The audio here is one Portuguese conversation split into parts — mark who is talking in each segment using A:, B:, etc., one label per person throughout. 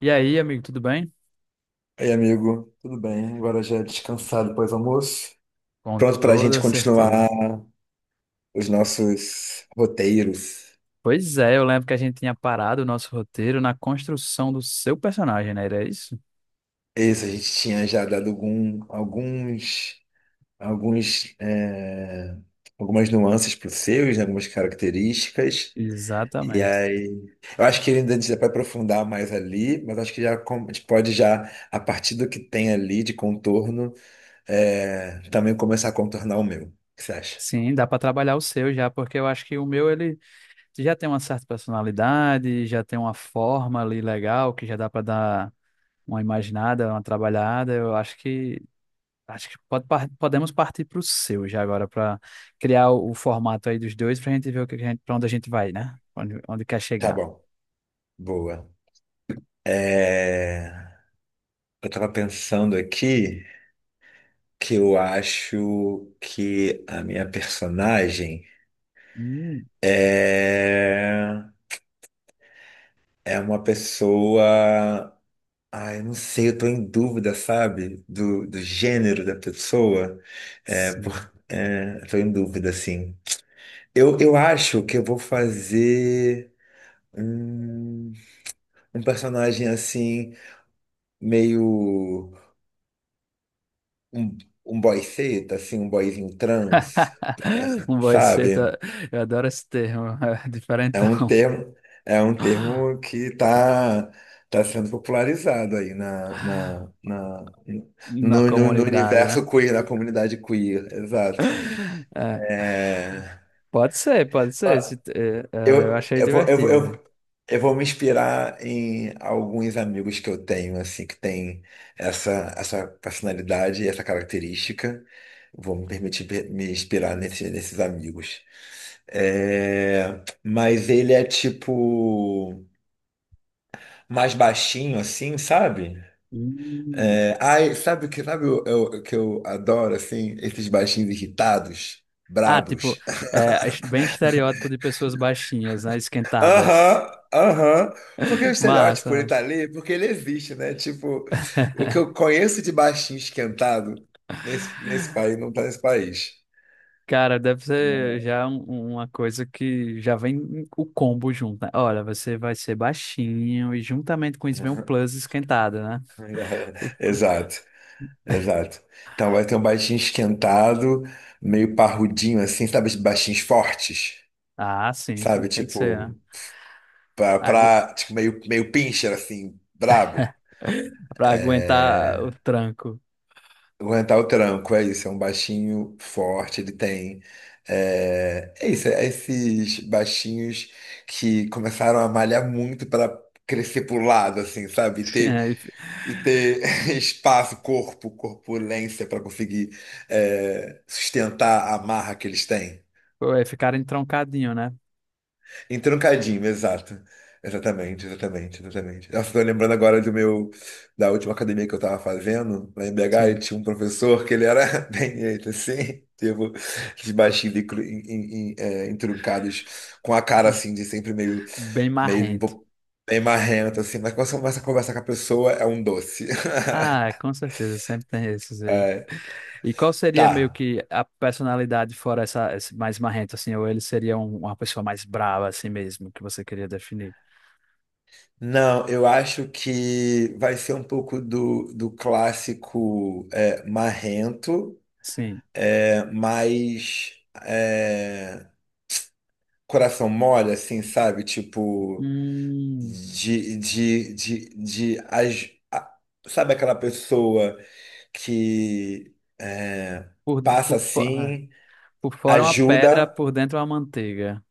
A: E aí, amigo, tudo bem?
B: Ei amigo, tudo bem? Agora já descansado depois do almoço.
A: Com
B: Pronto para a gente
A: toda
B: continuar
A: certeza.
B: os nossos roteiros.
A: Pois é, eu lembro que a gente tinha parado o nosso roteiro na construção do seu personagem, né? Era isso?
B: Esse a gente tinha já dado alguns, é, algumas nuances para os seus, né, algumas características. E
A: Exatamente.
B: aí, eu acho que ainda a gente vai aprofundar mais ali, mas acho que já a gente pode já, a partir do que tem ali de contorno, também começar a contornar o meu. O que você acha?
A: Sim, dá para trabalhar o seu já, porque eu acho que o meu ele já tem uma certa personalidade, já tem uma forma ali legal que já dá para dar uma imaginada, uma trabalhada. Eu acho que podemos partir para o seu já agora para criar o formato aí dos dois para a gente ver o que que a gente, para onde a gente vai, né? Onde quer
B: Tá
A: chegar.
B: bom. Boa. É, eu tava pensando aqui que eu acho que a minha personagem
A: Hum.
B: é, é uma pessoa. Ai, eu não sei, eu tô em dúvida, sabe? Do gênero da pessoa. É,
A: Sim.
B: por... eu tô em dúvida, assim. Eu acho que eu vou fazer hum, um personagem assim, meio um, um boy seta, assim, um boyzinho trans.
A: Um boy
B: Sabe,
A: seita, eu adoro esse termo, é
B: é um
A: diferentão
B: termo, é um termo que está tá tá sendo popularizado aí
A: na
B: no
A: comunidade, né?
B: universo queer, na comunidade queer, exato.
A: É, pode ser. Esse
B: Ah,
A: eu
B: Eu,
A: achei
B: eu vou, eu, vou-
A: divertido.
B: eu, eu vou me inspirar em alguns amigos que eu tenho, assim, que tem essa, essa personalidade e essa característica. Vou me permitir me inspirar nesses amigos. É, mas ele é tipo mais baixinho assim, sabe?
A: Hum.
B: É, ai, sabe o que eu adoro assim, esses baixinhos irritados,
A: Ah, tipo,
B: brabos.
A: bem estereótipo de pessoas baixinhas, né? Esquentadas.
B: Aham, aham. Porque o
A: Massa,
B: estereótipo ele tá
A: massa.
B: ali, porque ele existe, né? Tipo, o que eu conheço de baixinho esquentado nesse país não tá nesse país.
A: Cara, deve ser já uma coisa que já vem o combo junto, né? Olha, você vai ser baixinho e juntamente com isso vem um
B: Uhum.
A: plus esquentado, né?
B: Exato, exato. Então vai ter um baixinho esquentado, meio parrudinho assim, sabe? Esses baixinhos fortes,
A: Ah, sim, sim,
B: sabe?
A: tem que ser, né?
B: Tipo,
A: Agu...
B: meio pincher, assim, brabo.
A: Pra aguentar o tranco.
B: Aguentar o tranco, é isso. É um baixinho forte, ele tem. É esses baixinhos que começaram a malhar muito para crescer pro lado, assim, sabe?
A: É, e fi-
B: E ter espaço, corpo, corpulência para conseguir sustentar a marra que eles têm.
A: Pô, é, ficar entroncadinho, né?
B: Entroncadinho, exato. Exatamente. Nossa, tô lembrando agora do meu, da última academia que eu tava fazendo, lá em BH, e
A: Sim.
B: tinha um professor que ele era bem jeito assim, tipo, de baixinho, e entroncados, com a cara assim, de sempre meio,
A: Bem
B: meio um
A: marrento.
B: pouco bem marrento, assim, mas quando você começa a conversar com a pessoa, é um doce.
A: Ah, com certeza, sempre tem esses aí. E qual seria meio
B: Tá.
A: que a personalidade fora essa, esse mais marrento, assim? Ou ele seria uma pessoa mais brava, assim mesmo, que você queria definir?
B: Não, eu acho que vai ser um pouco do, do clássico marrento,
A: Sim.
B: mas é, coração mole, assim, sabe? Tipo,
A: Hum,
B: de, de, de, de, as- a- sabe aquela pessoa que é,
A: por,
B: passa
A: por, fo- ah,
B: assim,
A: por fora uma pedra,
B: ajuda,
A: por dentro uma manteiga.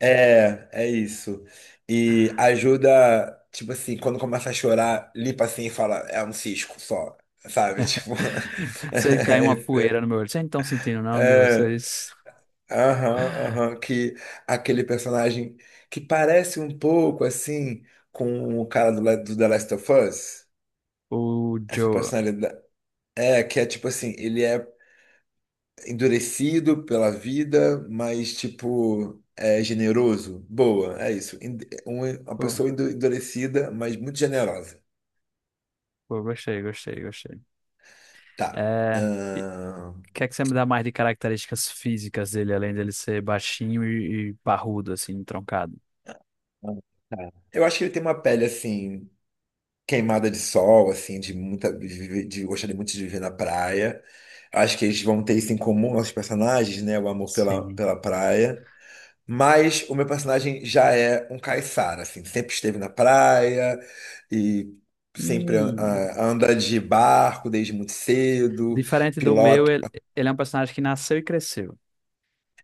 B: é isso. E ajuda, tipo assim, quando começa a chorar, limpa assim e fala, é um cisco só, sabe? Tipo,
A: Você cai uma poeira no meu olho. Vocês não estão sentindo, não, de
B: é,
A: vocês?
B: Aham, aham, que aquele personagem que parece um pouco assim com o cara do, do The Last of Us.
A: O
B: Essa
A: Joe.
B: personalidade. É, que é tipo assim, ele é endurecido pela vida, mas tipo, é generoso. Boa, é isso. Uma
A: Pô,
B: pessoa endurecida, mas muito generosa.
A: pô, gostei.
B: Tá.
A: É, e o que é que você me dá mais de características físicas dele, além dele ser baixinho e parrudo, assim, troncado?
B: Tá. Eu acho que ele tem uma pele assim queimada de sol, assim, de muita, de gostaria muito de viver na praia. Acho que eles vão ter isso em comum, nossos personagens, né? O amor
A: Sim.
B: pela praia. Mas o meu personagem já é um caiçara, assim, sempre esteve na praia e sempre
A: Hum.
B: ah, anda de barco desde muito cedo,
A: Diferente do meu,
B: pilota.
A: ele é um personagem que nasceu e cresceu.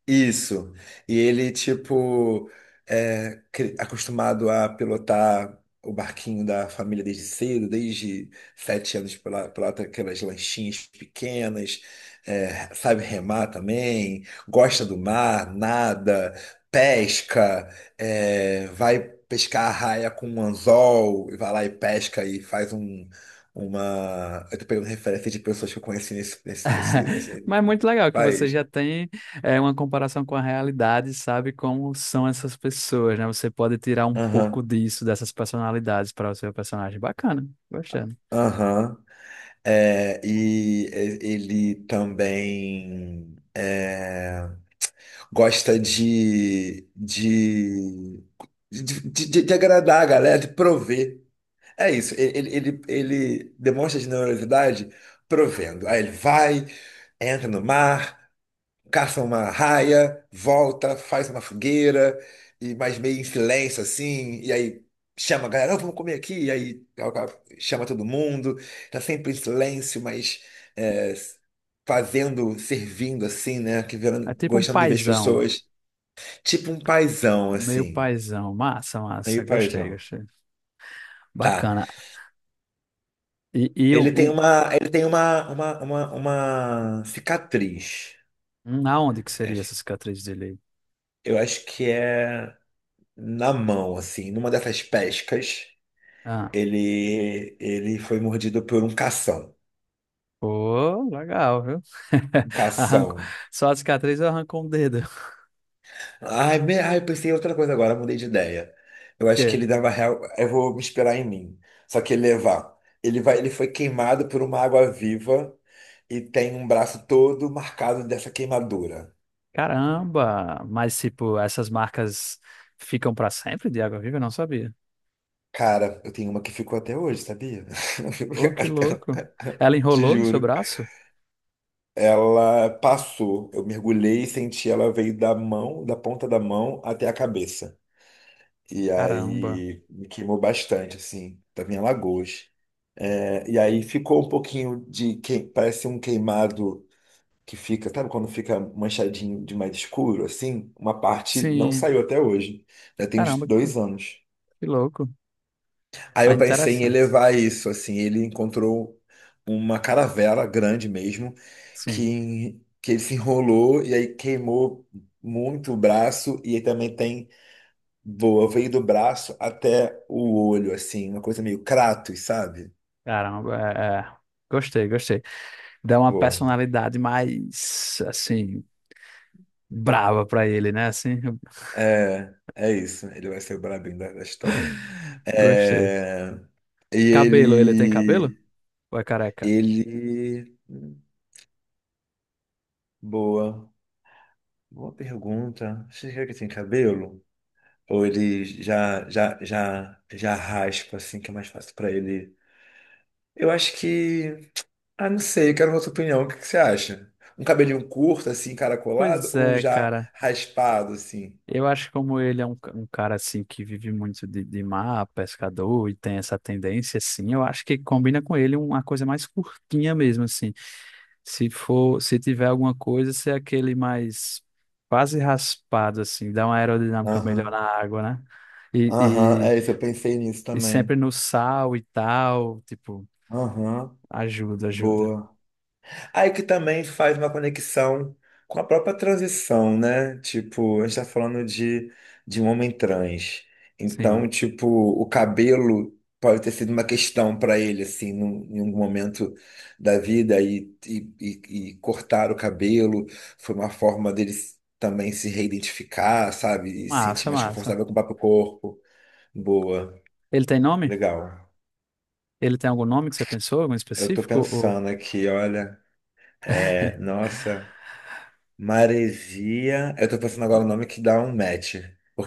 B: Isso. E ele, tipo, é acostumado a pilotar o barquinho da família desde cedo, desde sete anos, pilota aquelas lanchinhas pequenas, é, sabe remar também, gosta do mar, nada, pesca, é, vai pescar a raia com um anzol, e vai lá e pesca e faz uma... Eu tô pegando referência de pessoas que eu conheci nesse
A: Mas é muito legal que você
B: país.
A: já tem é, uma comparação com a realidade, sabe como são essas pessoas, né? Você pode tirar um pouco
B: Aham,
A: disso, dessas personalidades para o seu personagem. Bacana, gostando.
B: aham. É, ele também é, gosta de, de agradar a galera, de prover. É isso, ele demonstra generosidade provendo. Aí ele vai, entra no mar, caça uma raia, volta, faz uma fogueira, e mais meio em silêncio assim, e aí chama a galera, "Ó, vamos comer aqui, e aí ó, ó, chama todo mundo, tá sempre em silêncio, mas é, fazendo, servindo assim, né? Que
A: É
B: vendo,
A: tipo um
B: gostando de ver as
A: paizão,
B: pessoas. Tipo um paizão,
A: meio
B: assim,
A: paizão. Massa, massa.
B: meio
A: Gostei,
B: paizão.
A: gostei.
B: Tá.
A: Bacana. E, e o, o-
B: Ele tem uma cicatriz,
A: um, aonde que
B: né?
A: seria essa cicatriz dele?
B: Eu acho que é na mão, assim, numa dessas pescas. Ele foi mordido por um cação.
A: Pô, legal, viu?
B: Um
A: arranco
B: cação.
A: Só a cicatriz eu arrancou um dedo.
B: Eu pensei em outra coisa agora, mudei de ideia. Eu acho que
A: Porque,
B: ele dava real. Eu vou me inspirar em mim. Só que ele levar. Ele foi queimado por uma água viva e tem um braço todo marcado dessa queimadura.
A: caramba! Mas, tipo, essas marcas ficam pra sempre de água viva? Eu não sabia.
B: Cara, eu tenho uma que ficou até hoje, sabia?
A: Pô, que louco.
B: Até-
A: Ela
B: Te
A: enrolou no seu
B: juro.
A: braço?
B: Ela passou, eu mergulhei e senti ela veio da mão, da ponta da mão até a cabeça. E
A: Caramba.
B: aí me queimou bastante, assim, tava em Alagoas. É, e aí ficou um pouquinho de que parece um queimado que fica, sabe quando fica manchadinho de mais escuro, assim? Uma parte não
A: Sim,
B: saiu até hoje, já tem uns
A: caramba, que,
B: dois anos.
A: que louco.
B: Aí
A: Mas
B: eu pensei em
A: interessante.
B: elevar isso, assim, ele encontrou uma caravela grande mesmo,
A: Sim,
B: que ele se enrolou e aí queimou muito o braço, e aí também tem Boa, veio do braço até o olho, assim, uma coisa meio Kratos, sabe?
A: caramba. É, é. Gostei, gostei. Dá uma
B: Boa.
A: personalidade mais, assim, brava pra ele, né? Assim,
B: É, é isso. Ele vai ser o brabinho da história.
A: gostei.
B: É, e
A: Cabelo, ele tem cabelo?
B: ele.
A: Ou é careca?
B: Ele. Boa. Boa pergunta. Você quer que tem cabelo? Ou ele já raspa, assim, que é mais fácil pra ele? Eu acho que. Ah, não sei, eu quero a sua opinião. O que que você acha? Um cabelinho curto, assim, encaracolado,
A: Pois
B: ou
A: é,
B: já
A: cara.
B: raspado, assim?
A: Eu acho que como ele é um cara assim que vive muito de mar, pescador e tem essa tendência assim, eu acho que combina com ele uma coisa mais curtinha mesmo assim. Se for, se tiver alguma coisa, ser aquele mais quase raspado assim, dá uma aerodinâmica melhor
B: Aham,
A: na água, né? E,
B: aham,
A: e,
B: é isso, eu pensei nisso
A: e sempre
B: também.
A: no sal e tal, tipo,
B: Aham,
A: ajuda, ajuda.
B: boa. Aí que também faz uma conexão com a própria transição, né? Tipo, a gente tá falando de um homem trans. Então,
A: Sim.
B: tipo, o cabelo pode ter sido uma questão para ele, assim, num, em algum momento da vida, e cortar o cabelo foi uma forma dele também se reidentificar, sabe? E se sentir
A: Massa,
B: mais
A: massa.
B: confortável com o próprio corpo. Boa,
A: Ele tem nome?
B: legal.
A: Ele tem algum nome que você pensou, algum
B: Eu tô
A: específico? Ou...
B: pensando aqui, olha, nossa, Maresia. Eu tô pensando agora o nome que dá um match.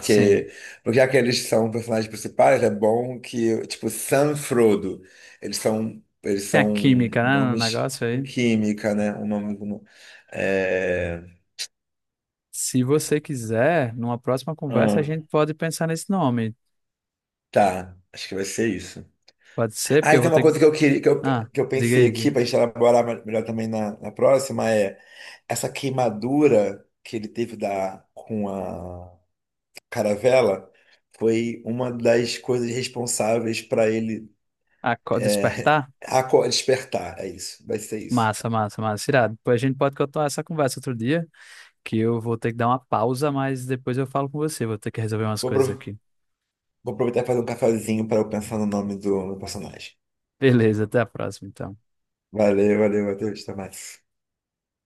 A: Sim.
B: porque já que eles são personagens principais, é bom que, tipo, Sam e Frodo, eles
A: Tem a
B: são
A: química, né, no
B: nomes
A: negócio
B: em
A: aí.
B: química, né? O nome do. É...
A: Se você quiser, numa próxima conversa, a
B: hum,
A: gente pode pensar nesse nome.
B: tá, acho que vai ser isso.
A: Pode ser,
B: Ah,
A: porque
B: e
A: eu vou
B: tem uma
A: ter que.
B: coisa que eu queria,
A: Ah,
B: que eu
A: diga
B: pensei
A: aí.
B: aqui,
A: Diga.
B: pra gente elaborar melhor também na próxima, é, essa queimadura que ele teve da, com a caravela foi uma das coisas responsáveis para ele
A: Aco- Despertar?
B: despertar. É isso, vai ser isso.
A: Massa, massa, massa. Irado. Depois a gente pode continuar essa conversa outro dia, que eu vou ter que dar uma pausa, mas depois eu falo com você. Vou ter que resolver umas
B: Vou,
A: coisas
B: apro-
A: aqui.
B: vou aproveitar e fazer um cafezinho para eu pensar no nome do, do personagem.
A: Beleza, até a próxima, então.
B: Valeu, valeu, Matheus. Até mais.